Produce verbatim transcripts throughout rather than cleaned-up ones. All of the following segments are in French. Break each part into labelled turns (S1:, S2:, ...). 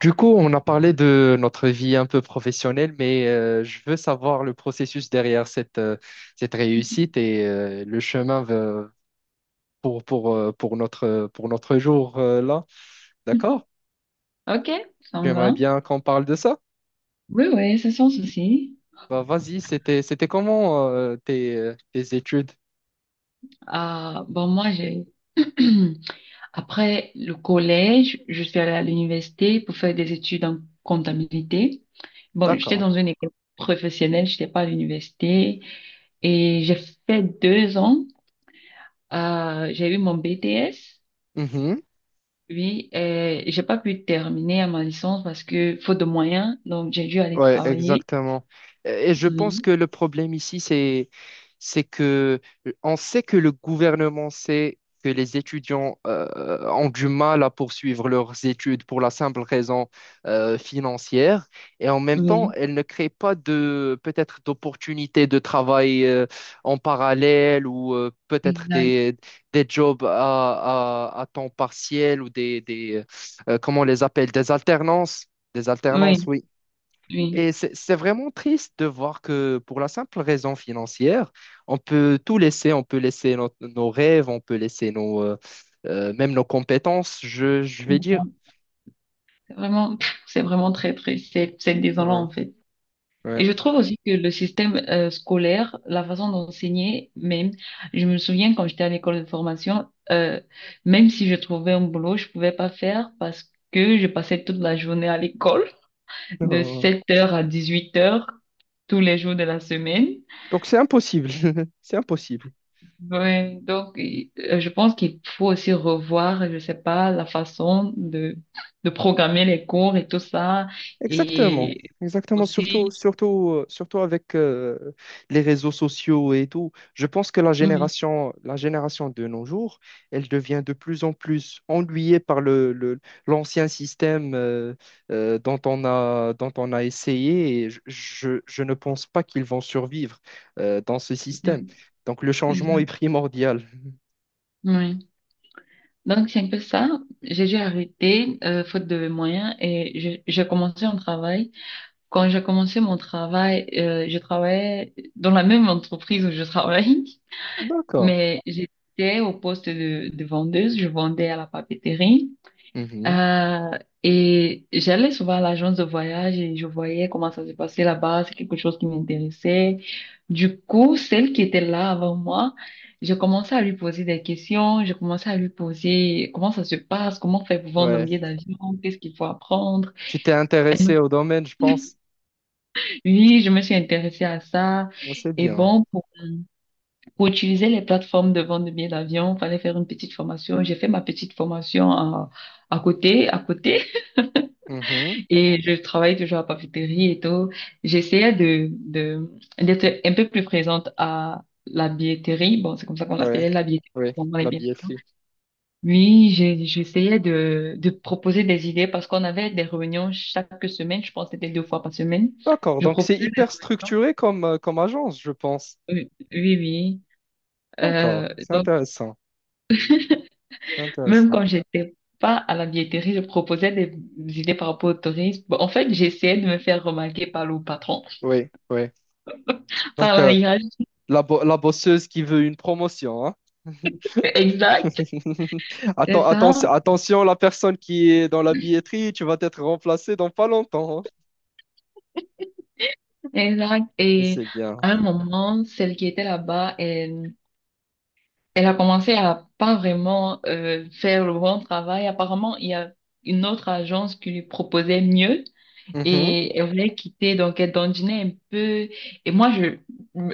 S1: Du coup, on a parlé de notre vie un peu professionnelle, mais euh, je veux savoir le processus derrière cette, euh, cette réussite et euh, le chemin ve- pour, pour, euh, pour notre, pour notre jour euh, là. D'accord?
S2: Ok, ça me
S1: J'aimerais
S2: va.
S1: bien qu'on parle de ça.
S2: Oui, oui, c'est sans souci.
S1: Bah, vas-y, c'était, c'était comment euh, tes, euh, tes études?
S2: Ah, bon, moi, j'ai... Après le collège, je suis allée à l'université pour faire des études en comptabilité. Bon, j'étais
S1: D'accord.
S2: dans une école professionnelle, j'étais pas à l'université. Et j'ai fait deux ans. Euh, j'ai eu mon B T S.
S1: Mhm.
S2: Oui, et j'ai pas pu terminer à ma licence parce que faute de moyens, donc j'ai dû aller
S1: Ouais,
S2: travailler.
S1: exactement. Et je pense
S2: Oui,
S1: que le problème ici, c'est, c'est que euh, on sait que le gouvernement sait que les étudiants euh, ont du mal à poursuivre leurs études pour la simple raison euh, financière. Et en même temps,
S2: oui,
S1: elle ne crée pas de, peut-être d'opportunités de travail euh, en parallèle ou euh, peut-être
S2: exact.
S1: des, des jobs à, à, à temps partiel ou des, des euh, comment on les appelle, des alternances. Des alternances,
S2: Oui,
S1: oui.
S2: oui.
S1: Et c'est c'est vraiment triste de voir que pour la simple raison financière, on peut tout laisser, on peut laisser nos, nos rêves, on peut laisser nos, euh, euh, même nos compétences, je, je vais dire.
S2: Vraiment, c'est vraiment très, très, c'est c'est désolant
S1: Ouais,
S2: en fait. Et
S1: ouais.
S2: je trouve aussi que le système euh, scolaire, la façon d'enseigner, même, je me souviens quand j'étais à l'école de formation, euh, même si je trouvais un boulot, je pouvais pas faire parce que je passais toute la journée à l'école, de sept heures à dix-huit heures tous les jours de la semaine.
S1: Donc c'est impossible, c'est impossible.
S2: Ouais, donc, euh, je pense qu'il faut aussi revoir, je sais pas, la façon de, de programmer les cours et tout ça.
S1: Exactement,
S2: Et
S1: exactement, surtout,
S2: aussi
S1: surtout, euh, surtout avec euh, les réseaux sociaux et tout. Je pense que la
S2: oui, oui,
S1: génération, la génération de nos jours, elle devient de plus en plus ennuyée par le, le- l'ancien système euh, euh, dont on a, dont on a essayé et je, je- je ne pense pas qu'ils vont survivre euh, dans ce système.
S2: exact.
S1: Donc le changement est
S2: Oui.
S1: primordial.
S2: Oui. Donc, c'est un peu ça. J'ai dû arrêter, euh, faute de moyens, et je- j'ai commencé un travail. Quand j'ai commencé mon travail, euh, je travaillais dans la même entreprise où je travaille,
S1: D'accord.
S2: mais j'étais au poste de, de vendeuse. Je vendais à la papeterie.
S1: Mhm.
S2: Euh, et j'allais souvent à l'agence de voyage et je voyais comment ça se passait là-bas, c'est quelque chose qui m'intéressait. Du coup, celle qui était là avant moi, j'ai commencé à lui poser des questions, j'ai commencé à lui poser comment ça se passe, comment faire pour vendre un
S1: Ouais.
S2: billet d'avion, qu'est-ce qu'il faut apprendre.
S1: Tu t'es
S2: Elle
S1: intéressé
S2: me-
S1: au domaine, je pense.
S2: Oui, je me suis intéressée à ça.
S1: Ah, c'est
S2: Et
S1: bien.
S2: bon, pour, pour utiliser les plateformes de vente de billets d'avion, fallait faire une petite formation. J'ai fait ma petite formation à, à côté, à côté.
S1: Mhm.
S2: Et je travaille toujours à la papeterie et tout. J'essayais de, de, d'être un peu plus présente à la billetterie. Bon, c'est comme ça qu'on
S1: Ouais,
S2: l'appelait, la billetterie.
S1: ouais,
S2: Bon, on est
S1: la
S2: bien.
S1: billetterie.
S2: Oui, j'ai- j'essayais de, de proposer des idées parce qu'on avait des réunions chaque semaine. Je pense que c'était deux fois par semaine.
S1: D'accord,
S2: Je
S1: donc c'est
S2: proposais des
S1: hyper
S2: réunions.
S1: structuré comme, euh, comme agence, je pense.
S2: Oui, oui. Oui.
S1: D'accord,
S2: Euh,
S1: c'est
S2: donc,
S1: intéressant, c'est
S2: même
S1: intéressant.
S2: quand j'étais pas à la billetterie, je proposais des idées par rapport au tourisme. Bon, en fait, j'essayais de me faire remarquer par le patron,
S1: Oui, oui.
S2: par
S1: Donc,
S2: la
S1: euh,
S2: hiérarchie.
S1: la, bo- la bosseuse qui veut une promotion, hein.
S2: Exact. C'est
S1: Atten-
S2: ça,
S1: atten- attention, la personne qui est dans la billetterie, tu vas être remplacé dans pas longtemps, hein.
S2: exact.
S1: Mais
S2: Et
S1: c'est bien.
S2: à un moment, celle qui était là-bas, elle, elle a commencé à pas vraiment euh, faire le bon travail. Apparemment, il y a une autre agence qui lui proposait mieux
S1: Mhm.
S2: et elle voulait quitter, donc elle dandinait un peu. Et moi, je,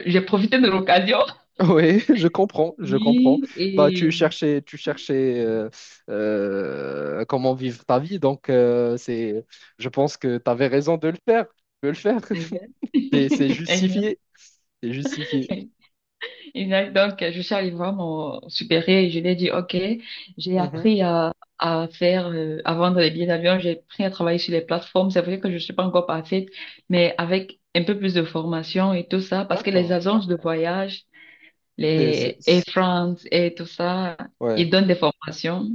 S2: j'ai profité de l'occasion.
S1: Oui, je comprends, je comprends.
S2: Oui,
S1: Bah, tu
S2: et
S1: cherchais, tu cherchais euh, euh, comment vivre ta vie, donc euh, c'est, je pense que tu avais raison de le faire, tu peux le faire.
S2: exact.
S1: C'est c'est
S2: Exact.
S1: justifié, c'est justifié.
S2: Exact. Donc, je suis allée voir mon supérieur et je lui ai dit, OK, j'ai
S1: Mhm.
S2: appris à, à faire, euh, à vendre les billets d'avion, j'ai appris à travailler sur les plateformes. C'est vrai que je ne suis pas encore parfaite, mais avec un peu plus de formation et tout ça, parce que les
S1: D'accord.
S2: agences de voyage,
S1: C'est, c'est-
S2: les Air
S1: c'est-
S2: France et tout ça,
S1: Ouais,
S2: ils donnent des formations.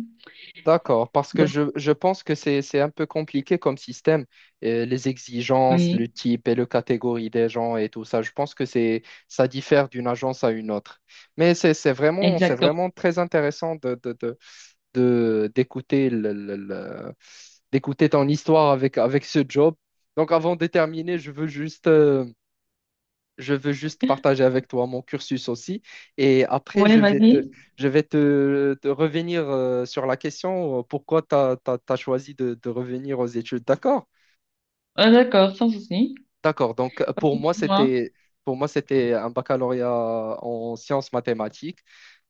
S1: d'accord. Parce que
S2: Donc,
S1: je, je pense que c'est, c'est un peu compliqué comme système. Euh, les exigences, le
S2: oui,
S1: type et le catégorie des gens et tout ça, je pense que c'est, ça diffère d'une agence à une autre. Mais c'est c'est vraiment, c'est
S2: exactement.
S1: vraiment très intéressant de d'écouter le- le- le- d'écouter ton histoire avec avec ce job. Donc avant de terminer, je veux juste euh, je veux juste partager avec toi mon cursus aussi et après
S2: Oui,
S1: je vais te
S2: vas-y.
S1: je vais te, te revenir euh, sur la question euh, pourquoi tu as choisi de, de revenir aux études. D'accord?
S2: Ah, d'accord, sans souci.
S1: D'accord. Donc, euh, pour
S2: Vas-y,
S1: moi,
S2: dis-moi.
S1: c'était pour moi, c'était un baccalauréat en sciences mathématiques.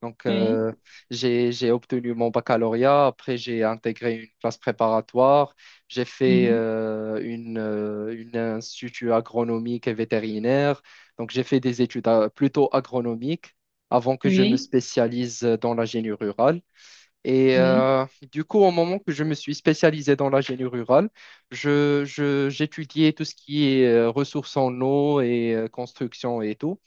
S1: Donc,
S2: Oui.
S1: euh, j'ai, j'ai obtenu mon baccalauréat. Après, j'ai intégré une classe préparatoire. J'ai fait
S2: Mhm.
S1: euh, une, euh, une institut agronomique et vétérinaire. Donc, j'ai fait des études euh, plutôt agronomiques avant que je me
S2: Oui.
S1: spécialise dans l'ingénierie rurale. Et
S2: Oui.
S1: euh, du coup, au moment que je me suis spécialisé dans la rurale, je, je- j'étudiais tout ce qui est euh, ressources en eau et euh, construction et tout.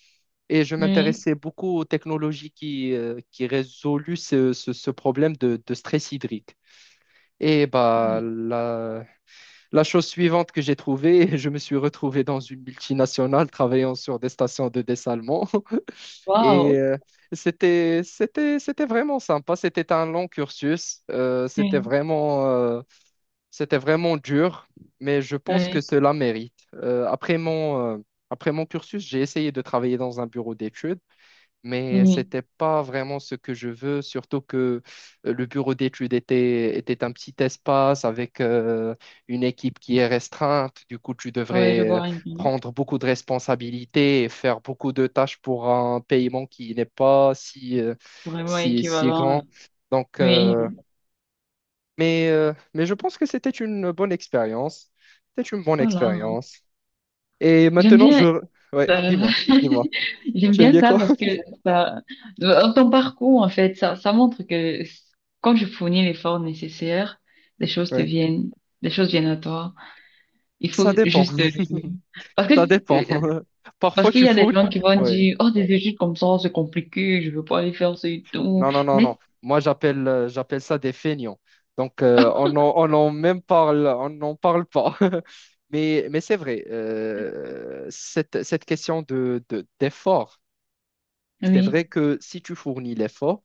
S1: Et je
S2: Oui.
S1: m'intéressais beaucoup aux technologies qui, euh, qui résoluent ce, ce- ce problème de, de stress hydrique. Et bah, la, la chose suivante que j'ai trouvée, je me suis retrouvé dans une multinationale travaillant sur des stations de dessalement. Et
S2: Wow.
S1: euh, c'était, c'était, c'était vraiment sympa. C'était un long cursus. Euh, c'était
S2: Oui.
S1: vraiment, euh, c'était vraiment dur, mais je pense que
S2: Oui.
S1: cela mérite. Euh, après mon, euh, après mon cursus, j'ai essayé de travailler dans un bureau d'études mais
S2: Oui,
S1: c'était pas vraiment ce que je veux, surtout que euh, le bureau d'études était, était un petit espace avec euh, une équipe qui est restreinte. Du coup, tu
S2: ouais, je
S1: devrais euh,
S2: vois un film
S1: prendre beaucoup de responsabilités et faire beaucoup de tâches pour un paiement qui n'est pas si, euh,
S2: vraiment
S1: si, si
S2: équivalent. euh,
S1: grand. Donc, euh,
S2: Oui,
S1: mais, euh, mais je pense que c'était une bonne expérience. C'était une bonne
S2: voilà.
S1: expérience. Et
S2: J'aime
S1: maintenant,
S2: bien,
S1: je... Ouais,
S2: euh,
S1: dis-moi, dis-moi.
S2: j'aime
S1: J'aime
S2: bien
S1: bien
S2: ça
S1: quoi?
S2: parce que ça, euh, ton parcours, en fait, ça, ça montre que quand je fournis l'effort nécessaire, les choses te
S1: Ouais.
S2: viennent, les choses viennent à toi. Il faut
S1: Ça dépend.
S2: juste, euh, parce que,
S1: Ça dépend.
S2: euh, parce
S1: Parfois,
S2: qu'il
S1: tu
S2: y a des
S1: foules.
S2: gens qui vont
S1: Oui.
S2: dire, oh, des études comme ça, c'est compliqué, je veux pas aller faire ce et tout.
S1: Non, non, non, non.
S2: Mais,
S1: Moi, j'appelle euh, j'appelle ça des feignants. Donc, euh, on n'en on en même parle, on n'en parle pas. Mais, mais c'est vrai, euh, cette, cette question de, de- d'effort, c'est
S2: oui,
S1: vrai que si tu fournis l'effort,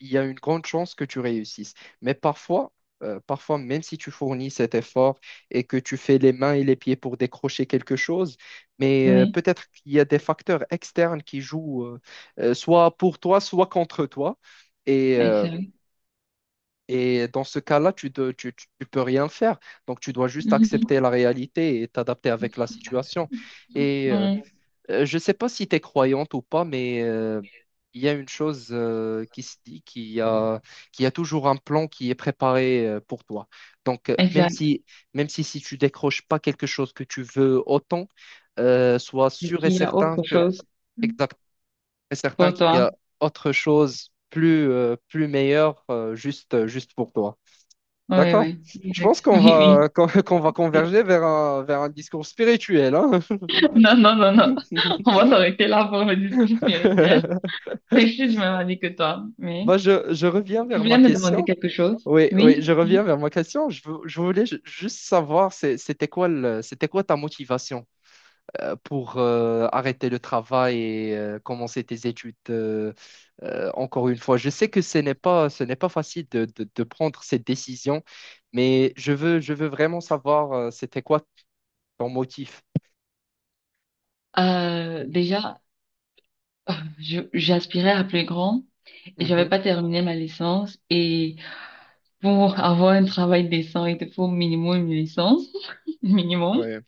S1: il y a une grande chance que tu réussisses. Mais parfois, euh, parfois, même si tu fournis cet effort et que tu fais les mains et les pieds pour décrocher quelque chose, mais euh,
S2: oui,
S1: peut-être qu'il y a des facteurs externes qui jouent euh, euh, soit pour toi, soit contre toi. Et, euh,
S2: exact.
S1: et dans ce cas-là, tu ne tu, tu- tu peux rien faire. Donc, tu dois juste accepter
S2: Mhm.
S1: la réalité et t'adapter avec la situation. Et euh,
S2: Ouais,
S1: euh, je ne sais pas si tu es croyante ou pas, mais euh, il y a une chose euh, qui se dit, qu'il y a, qu'il y a toujours un plan qui est préparé euh, pour toi. Donc, euh, même
S2: exact,
S1: si, même si, si tu décroches pas quelque chose que tu veux autant, euh, sois
S2: et
S1: sûr et
S2: qu'il y a
S1: certain
S2: autre
S1: que,
S2: chose
S1: exact, et certain
S2: pour
S1: qu'il y
S2: toi.
S1: a autre chose plus, euh, plus meilleure euh, juste, juste pour toi.
S2: Oui,
S1: D'accord.
S2: oui,
S1: Je
S2: exact.
S1: pense qu'on
S2: Oui,
S1: va, qu'on qu'on va
S2: oui.
S1: converger vers un, vers un discours spirituel, hein.
S2: Non, non, non, non. On va s'arrêter là pour le discours spirituel. Mais je suis du même avis que toi. Oui.
S1: Bah, je, je reviens
S2: Tu
S1: vers
S2: voulais
S1: ma
S2: me demander
S1: question.
S2: quelque chose?
S1: Oui, oui,
S2: Oui.
S1: je reviens vers ma question. Je, vou- je voulais ju- juste savoir, c'est- c'était quoi le- c'était quoi ta motivation euh, pour euh, arrêter le travail et euh, commencer tes études euh, euh, encore une fois. Je sais que ce n'est pas, ce n'est pas facile de, de- de prendre cette décision, mais je veux, je veux vraiment savoir euh, c'était quoi ton motif.
S2: Euh, déjà, euh, je, j'aspirais à plus grand et j'avais
S1: Mhm.
S2: pas terminé ma licence. Et pour avoir un travail décent, il te faut au minimum une licence, minimum.
S1: Ouais.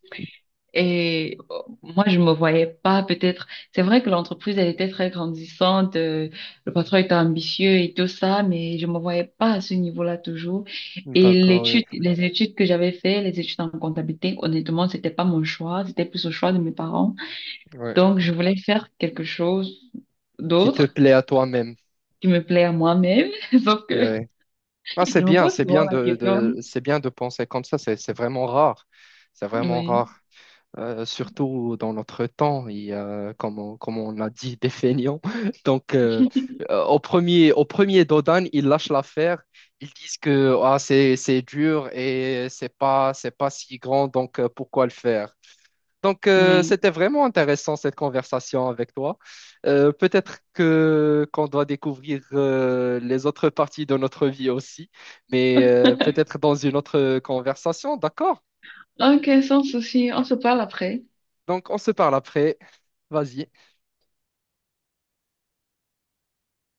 S2: Et euh, moi, je me voyais pas peut-être. C'est vrai que l'entreprise, elle était très grandissante, euh, le patron était ambitieux et tout ça, mais je me voyais pas à ce niveau-là toujours. Et
S1: D'accord, oui.
S2: l'étude, les études que j'avais fait, les études en comptabilité, honnêtement, c'était pas mon choix, c'était plus le choix de mes parents.
S1: Ouais.
S2: Donc, je voulais faire quelque chose
S1: Qui te
S2: d'autre
S1: plaît à toi-même.
S2: qui me plaît à moi-même, sauf que
S1: Ouais. Ah, c'est
S2: je me
S1: bien,
S2: pose
S1: c'est
S2: souvent
S1: bien
S2: la
S1: de,
S2: question.
S1: de- c'est bien de penser comme ça, c'est c'est vraiment rare. C'est vraiment
S2: Oui,
S1: rare. Euh, surtout dans notre temps, il y a, comme, on, comme on a dit, des feignants. Donc, euh, euh, au premier, au premier Dodan, ils lâchent l'affaire. Ils disent que ah, c'est, c'est dur et c'est pas, c'est pas si grand, donc euh, pourquoi le faire? Donc, euh,
S2: oui.
S1: c'était vraiment intéressant cette conversation avec toi. Euh, peut-être que qu'on doit découvrir euh, les autres parties de notre vie aussi, mais euh, peut-être dans une autre conversation, d'accord?
S2: Ok, sans souci, on se parle après.
S1: Donc, on se parle après. Vas-y.